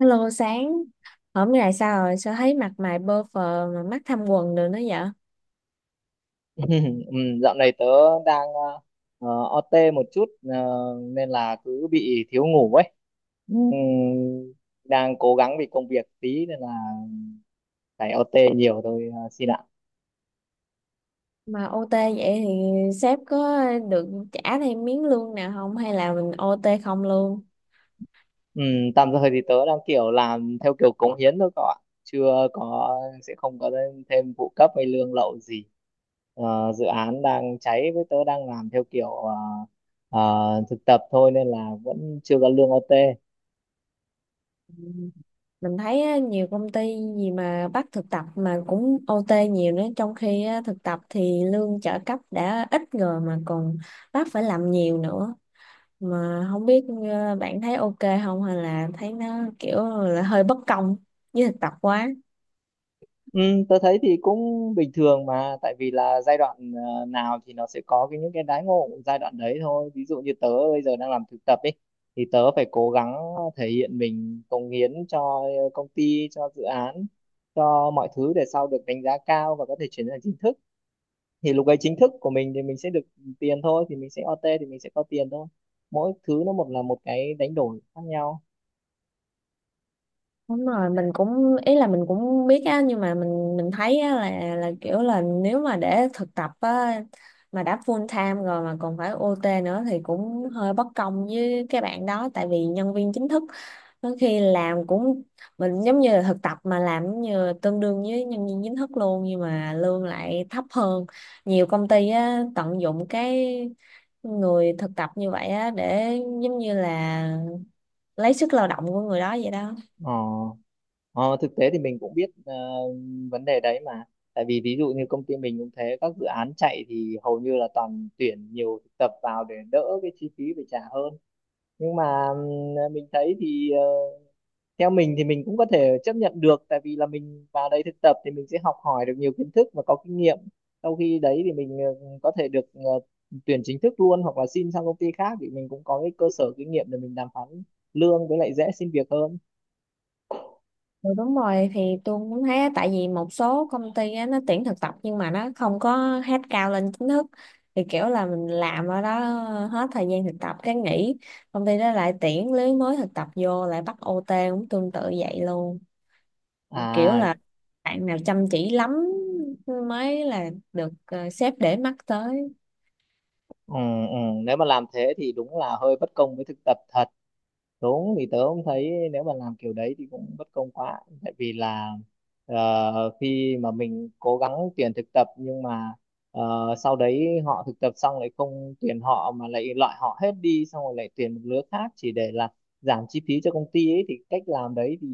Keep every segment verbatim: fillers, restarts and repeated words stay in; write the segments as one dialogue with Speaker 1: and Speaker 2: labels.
Speaker 1: Hello, sáng hôm nay sao rồi? Sao thấy mặt mày bơ phờ mà mắt thâm quầng được nữa vậy?
Speaker 2: Ừ, dạo này tớ đang ờ, ờ, overtime một chút, ờ, nên là cứ bị thiếu ngủ ấy. Ừ, đang cố gắng vì công việc tí nên là phải ô tê nhiều thôi, ờ, xin ạ.
Speaker 1: Mà ô tê vậy thì sếp có được trả thêm miếng lương nào không, hay là mình ô tê không luôn?
Speaker 2: Ừ, tạm thời thì tớ đang kiểu làm theo kiểu cống hiến thôi các bạn. Chưa có, sẽ không có thêm thêm phụ cấp hay lương lậu gì. Ờ, dự án đang cháy với tớ đang làm theo kiểu ờ, ờ, thực tập thôi nên là vẫn chưa có lương ô tê.
Speaker 1: Mình thấy á, nhiều công ty gì mà bắt thực tập mà cũng ô tê nhiều nữa, trong khi á, thực tập thì lương trợ cấp đã ít rồi mà còn bắt phải làm nhiều nữa, mà không biết ờ, bạn thấy ok không, hay là thấy nó kiểu là hơi bất công với thực tập quá.
Speaker 2: Ừ, tôi thấy thì cũng bình thường mà tại vì là giai đoạn ờ, nào thì nó sẽ có cái những cái đãi ngộ giai đoạn đấy thôi, ví dụ như tớ bây giờ đang làm thực tập ấy thì tớ phải cố gắng thể hiện mình, cống hiến cho công ty, cho dự án, cho mọi thứ để sau được đánh giá cao và có thể chuyển sang chính thức. Thì lúc ấy chính thức của mình thì mình sẽ được tiền thôi, thì mình sẽ ô tê thì mình sẽ có tiền thôi, mỗi thứ nó một là một cái đánh đổi khác nhau.
Speaker 1: Đúng rồi, mình cũng ý là mình cũng biết á, nhưng mà mình mình thấy á, là là kiểu là nếu mà để thực tập á mà đã full time rồi mà còn phải ô tê nữa thì cũng hơi bất công với các bạn đó, tại vì nhân viên chính thức đôi khi làm cũng mình giống như là thực tập mà làm giống như tương đương với nhân viên chính thức luôn nhưng mà lương lại thấp hơn. Nhiều công ty á tận dụng cái người thực tập như vậy á để giống như là lấy sức lao động của người đó vậy đó.
Speaker 2: Ờ Ờ, thực tế thì mình cũng biết ờ, vấn đề đấy mà, tại vì ví dụ như công ty mình cũng thế, các dự án chạy thì hầu như là toàn tuyển nhiều thực tập vào để đỡ cái chi phí phải trả hơn. Nhưng mà ừm, mình thấy thì, ờ, theo mình thì mình cũng có thể chấp nhận được tại vì là mình vào đây thực tập thì mình sẽ học hỏi được nhiều kiến thức và có kinh nghiệm. Sau khi đấy thì mình ờ, có thể được ờ, tuyển chính thức luôn hoặc là xin sang công ty khác thì mình cũng có cái cơ sở kinh nghiệm để mình đàm phán lương, với lại dễ xin việc hơn
Speaker 1: Ừ, đúng rồi, thì tôi cũng thấy á, tại vì một số công ty á, nó tuyển thực tập nhưng mà nó không có hết cao lên chính thức, thì kiểu là mình làm ở đó hết thời gian thực tập cái nghỉ, công ty đó lại tuyển lứa mới thực tập vô lại bắt ô tê cũng tương tự vậy luôn. Kiểu
Speaker 2: à.
Speaker 1: là bạn nào chăm chỉ lắm mới là được ờ, sếp để mắt tới.
Speaker 2: Ừ, ừ. Nếu mà làm thế thì đúng là hơi bất công với thực tập thật. Đúng, thì tớ cũng thấy nếu mà làm kiểu đấy thì cũng bất công quá, tại vì là ờ, khi mà mình cố gắng tuyển thực tập nhưng mà ờ, sau đấy họ thực tập xong lại không tuyển họ mà lại loại họ hết đi, xong rồi lại tuyển một lứa khác chỉ để là giảm chi phí cho công ty ấy, thì cách làm đấy thì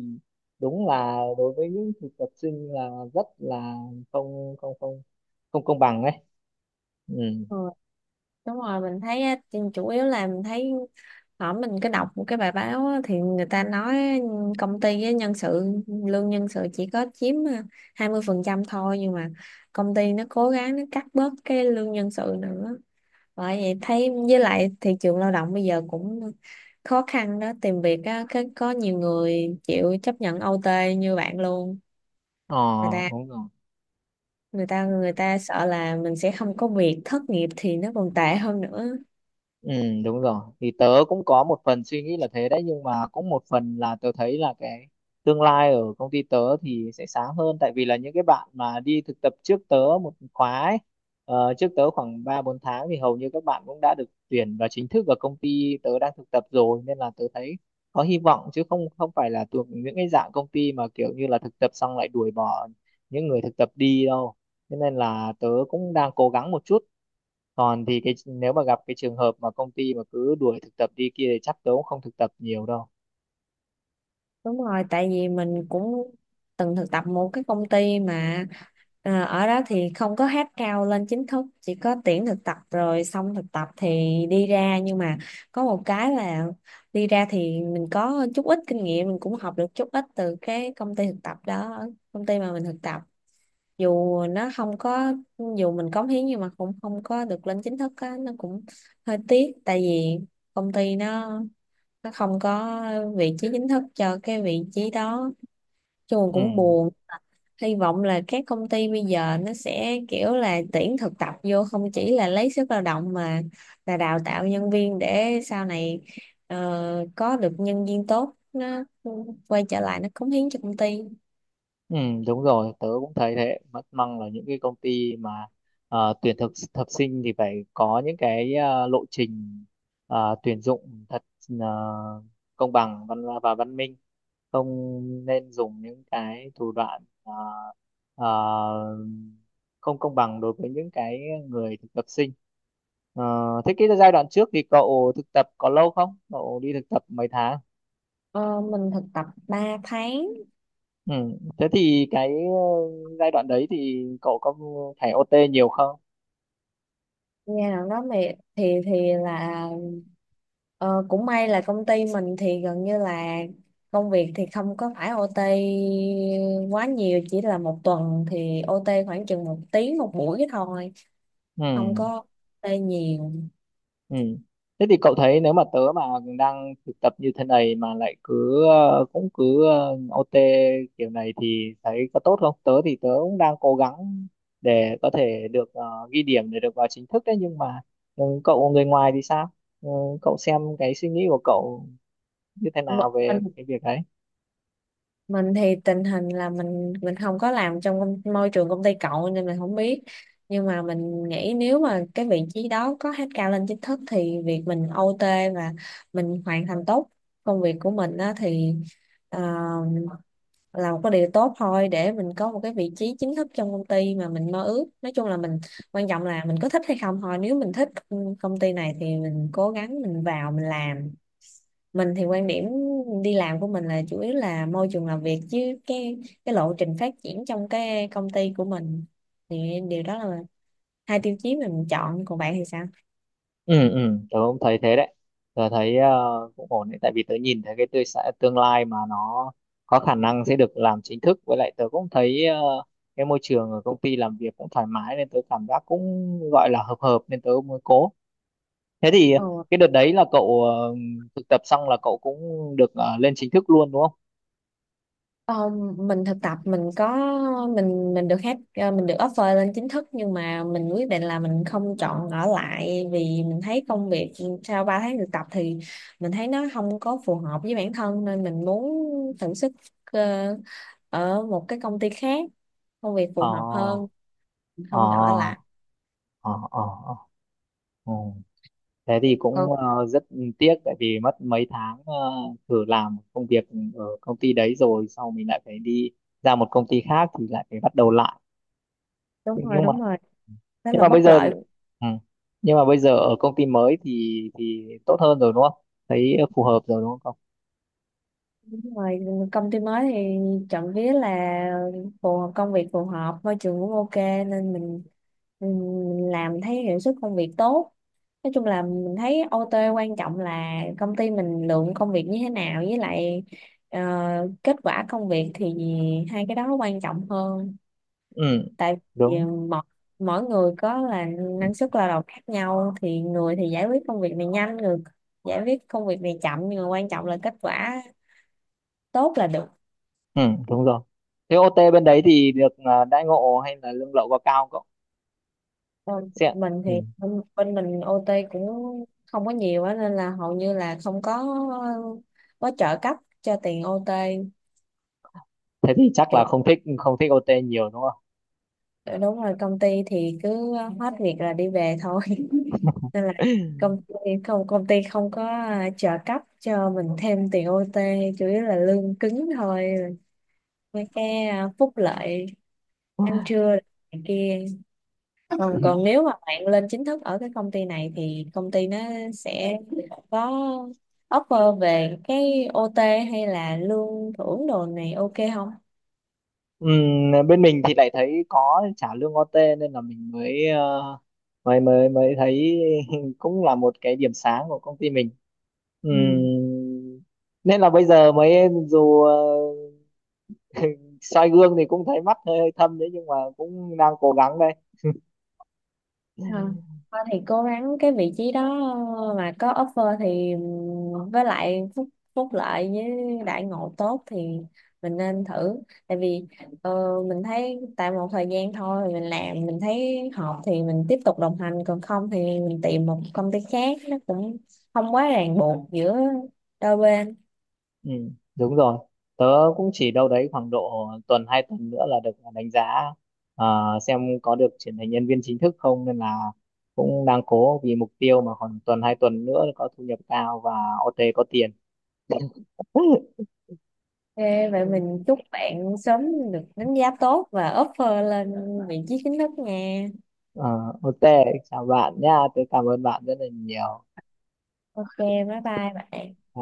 Speaker 2: đúng là đối với những thực tập sinh là rất là không không không không công bằng ấy. Ừ.
Speaker 1: Ừ, đúng rồi, mình thấy á, chủ yếu là mình thấy ở mình cứ đọc một cái bài báo á, thì người ta nói công ty với nhân sự, lương nhân sự chỉ có chiếm à, hai mươi phần trăm thôi, nhưng mà công ty nó cố gắng nó cắt bớt cái lương nhân sự nữa. Bởi vậy thấy với lại thị trường lao động bây giờ cũng khó khăn đó, tìm việc á cái có nhiều người chịu chấp nhận ô tê như bạn luôn.
Speaker 2: Ờ,
Speaker 1: Người ta
Speaker 2: đúng rồi.
Speaker 1: người ta Người ta sợ là mình sẽ không có việc, thất nghiệp thì nó còn tệ hơn nữa.
Speaker 2: Ừ, đúng rồi. Thì tớ cũng có một phần suy nghĩ là thế đấy, nhưng mà cũng một phần là tớ thấy là cái tương lai ở công ty tớ thì sẽ sáng hơn, tại vì là những cái bạn mà đi thực tập trước tớ một khóa ấy, ờ, trước tớ khoảng ba bốn tháng thì hầu như các bạn cũng đã được tuyển vào chính thức ở công ty tớ đang thực tập rồi, nên là tớ thấy có hy vọng, chứ không không phải là thuộc những cái dạng công ty mà kiểu như là thực tập xong lại đuổi bỏ những người thực tập đi đâu. Thế nên là tớ cũng đang cố gắng một chút, còn thì cái nếu mà gặp cái trường hợp mà công ty mà cứ đuổi thực tập đi kia thì chắc tớ cũng không thực tập nhiều đâu.
Speaker 1: Đúng rồi, tại vì mình cũng từng thực tập một cái công ty mà à, ở đó thì không có hát cao lên chính thức, chỉ có tuyển thực tập rồi xong thực tập thì đi ra, nhưng mà có một cái là đi ra thì mình có chút ít kinh nghiệm, mình cũng học được chút ít từ cái công ty thực tập đó, công ty mà mình thực tập. Dù nó không có, dù mình cống hiến nhưng mà cũng không có được lên chính thức á, nó cũng hơi tiếc tại vì công ty nó nó không có vị trí chính thức cho cái vị trí đó, chung
Speaker 2: Ừ.
Speaker 1: cũng buồn. Hy vọng là các công ty bây giờ nó sẽ kiểu là tuyển thực tập vô không chỉ là lấy sức lao động, mà là đào tạo nhân viên để sau này ờ, có được nhân viên tốt nó quay trở lại nó cống hiến cho công ty.
Speaker 2: Ừ, đúng rồi, tớ cũng thấy thế. Mất măng là những cái công ty mà ờ, tuyển thực thực sinh thì phải có những cái ờ, lộ trình ờ, tuyển dụng thật ờ, công bằng văn và văn minh, không nên dùng những cái thủ đoạn ờ, ờ, không công bằng đối với những cái người thực tập sinh. Ờ, thế cái giai đoạn trước thì cậu thực tập có lâu không? Cậu đi thực tập mấy tháng?
Speaker 1: Ờ, mình thực tập ba tháng.
Speaker 2: Ừ. Thế thì cái ờ, giai đoạn đấy thì cậu có phải ô tê nhiều không?
Speaker 1: Nghe nào đó thì thì thì là ờ, cũng may là công ty mình thì gần như là công việc thì không có phải ô tê quá nhiều, chỉ là một tuần thì ô tê khoảng chừng một tiếng một buổi thôi, không có
Speaker 2: Ừ.
Speaker 1: ô tê nhiều.
Speaker 2: Ừ. Thế thì cậu thấy nếu mà tớ mà đang thực tập như thế này mà lại cứ ờ, cũng cứ ờ, ô tê kiểu này thì thấy có tốt không? Tớ thì tớ cũng đang cố gắng để có thể được ờ, ghi điểm để được vào chính thức đấy, nhưng mà ừ, cậu người ngoài thì sao? Ừ, cậu xem cái suy nghĩ của cậu như thế
Speaker 1: M-
Speaker 2: nào về
Speaker 1: mình
Speaker 2: cái việc đấy?
Speaker 1: mình thì tình hình là mình mình không có làm trong công- môi trường công ty cậu nên mình không biết, nhưng mà mình nghĩ nếu mà cái vị trí đó có hát cao lên chính thức thì việc mình ô tê và mình hoàn thành tốt công việc của mình á, thì ờ, làm một cái điều tốt thôi để mình có một cái vị trí chính thức trong công ty mà mình mơ ước. Nói chung là mình, quan trọng là mình có thích hay không thôi, nếu mình thích ừ, công ty này thì mình cố gắng mình vào mình làm. Mình thì quan điểm đi làm của mình là chủ yếu là môi trường làm việc chứ cái cái lộ trình phát triển trong cái công ty của mình, thì điều đó là hai tiêu chí mà mình chọn, còn bạn thì sao?
Speaker 2: Ừ, ừ, tớ cũng thấy thế đấy. Tớ thấy, ờ, cũng ổn đấy, tại vì tớ nhìn thấy cái tươi sẽ tương lai mà nó có khả năng sẽ được làm chính thức, với lại tớ cũng thấy ờ, cái môi trường ở công ty làm việc cũng thoải mái nên tớ cảm giác cũng gọi là hợp hợp, nên tớ mới cố. Thế thì
Speaker 1: Ồ,
Speaker 2: cái đợt đấy là cậu ờ, thực tập xong là cậu cũng được ờ, lên chính thức luôn đúng không?
Speaker 1: ờ, mình thực tập mình có, mình mình được hết, ờ, mình được offer lên chính thức, nhưng mà mình quyết định là mình không chọn ở lại vì mình thấy công việc sau ba tháng thực tập thì mình thấy nó không có phù hợp với bản thân, nên mình muốn thử sức ờ, ở một cái công ty khác công việc phù hợp hơn,
Speaker 2: Ờ,
Speaker 1: không chọn ở lại.
Speaker 2: ờ, ờ, ờ, ờ, ờ. Thế thì
Speaker 1: Còn
Speaker 2: cũng ờ, rất tiếc tại vì mất mấy tháng ờ, thử làm công việc ở công ty đấy rồi sau mình lại phải đi ra một công ty khác thì lại phải bắt đầu lại.
Speaker 1: đúng rồi,
Speaker 2: nhưng mà
Speaker 1: đúng rồi, đó
Speaker 2: nhưng
Speaker 1: là
Speaker 2: mà
Speaker 1: bất
Speaker 2: bây giờ thì-
Speaker 1: lợi.
Speaker 2: ừ, nhưng mà bây giờ ở công ty mới thì thì tốt hơn rồi đúng không? Thấy phù hợp rồi đúng không?
Speaker 1: Đúng rồi, công ty mới thì trộm vía là phù hợp, công việc phù hợp, môi trường cũng ok nên mình, mình, mình làm thấy hiệu suất công việc tốt. Nói chung là mình thấy ô tê quan trọng là công ty mình lượng công việc như thế nào, với lại ờ, kết quả công việc, thì hai cái đó quan trọng hơn.
Speaker 2: Ừ,
Speaker 1: Tại vì
Speaker 2: đúng.
Speaker 1: mỗi, mỗi người có là năng suất lao động khác nhau, thì người thì giải quyết công việc này nhanh, người giải quyết công việc này chậm, nhưng mà quan trọng là kết quả tốt là được.
Speaker 2: Ừ, đúng rồi. Thế ô tê bên đấy thì được ờ, đãi ngộ hay là lương lậu có cao không?
Speaker 1: Ờ,
Speaker 2: Xem.
Speaker 1: mình thì
Speaker 2: Ừ.
Speaker 1: bên bên mình ô tê cũng không có nhiều á, nên là hầu như là không có có trợ cấp cho tiền ô tê.
Speaker 2: Thế thì chắc
Speaker 1: Chủ,
Speaker 2: là không thích không thích ô tê nhiều đúng
Speaker 1: đúng rồi, công ty thì cứ hết việc là đi về thôi nên là công ty, không công ty không có trợ cấp cho mình thêm tiền ô tê, chủ yếu là lương cứng thôi, mấy cái phúc lợi ăn
Speaker 2: không?
Speaker 1: trưa này kia. Ừ, còn nếu mà bạn lên chính thức ở cái công ty này thì công ty nó sẽ có offer về cái ô tê hay là lương thưởng đồ này ok không?
Speaker 2: Ừm, bên mình thì lại thấy có trả lương ô tê nên là mình mới ờ, mới mới mới thấy cũng là một cái điểm sáng của công ty mình. Ừm,
Speaker 1: Ừ.
Speaker 2: nên là bây giờ mới dù ờ, soi gương thì cũng thấy mắt hơi thâm đấy, nhưng mà cũng đang cố gắng đây.
Speaker 1: À, thôi thì cố gắng cái vị trí đó mà có offer thì, với lại phúc phúc lợi với đãi ngộ tốt thì mình nên thử, tại vì ờ, mình thấy tại một thời gian thôi mình làm mình thấy hợp thì mình tiếp tục đồng hành, còn không thì mình tìm một công ty khác, nó cũng không quá ràng buộc giữa đôi bên.
Speaker 2: Ừ, đúng rồi. Tớ cũng chỉ đâu đấy khoảng độ tuần hai tuần nữa là được đánh giá, ờ, xem có được chuyển thành nhân viên chính thức không, nên là cũng đang cố vì mục tiêu mà khoảng tuần hai tuần nữa có thu nhập cao và ô tê có tiền.
Speaker 1: Ok, vậy mình chúc bạn sớm được đánh giá tốt và offer lên vị trí chính thức nha.
Speaker 2: Ờ, ô tê chào bạn nha, tớ cảm ơn bạn rất là nhiều.
Speaker 1: Ok, bye bye bạn.
Speaker 2: Ờ,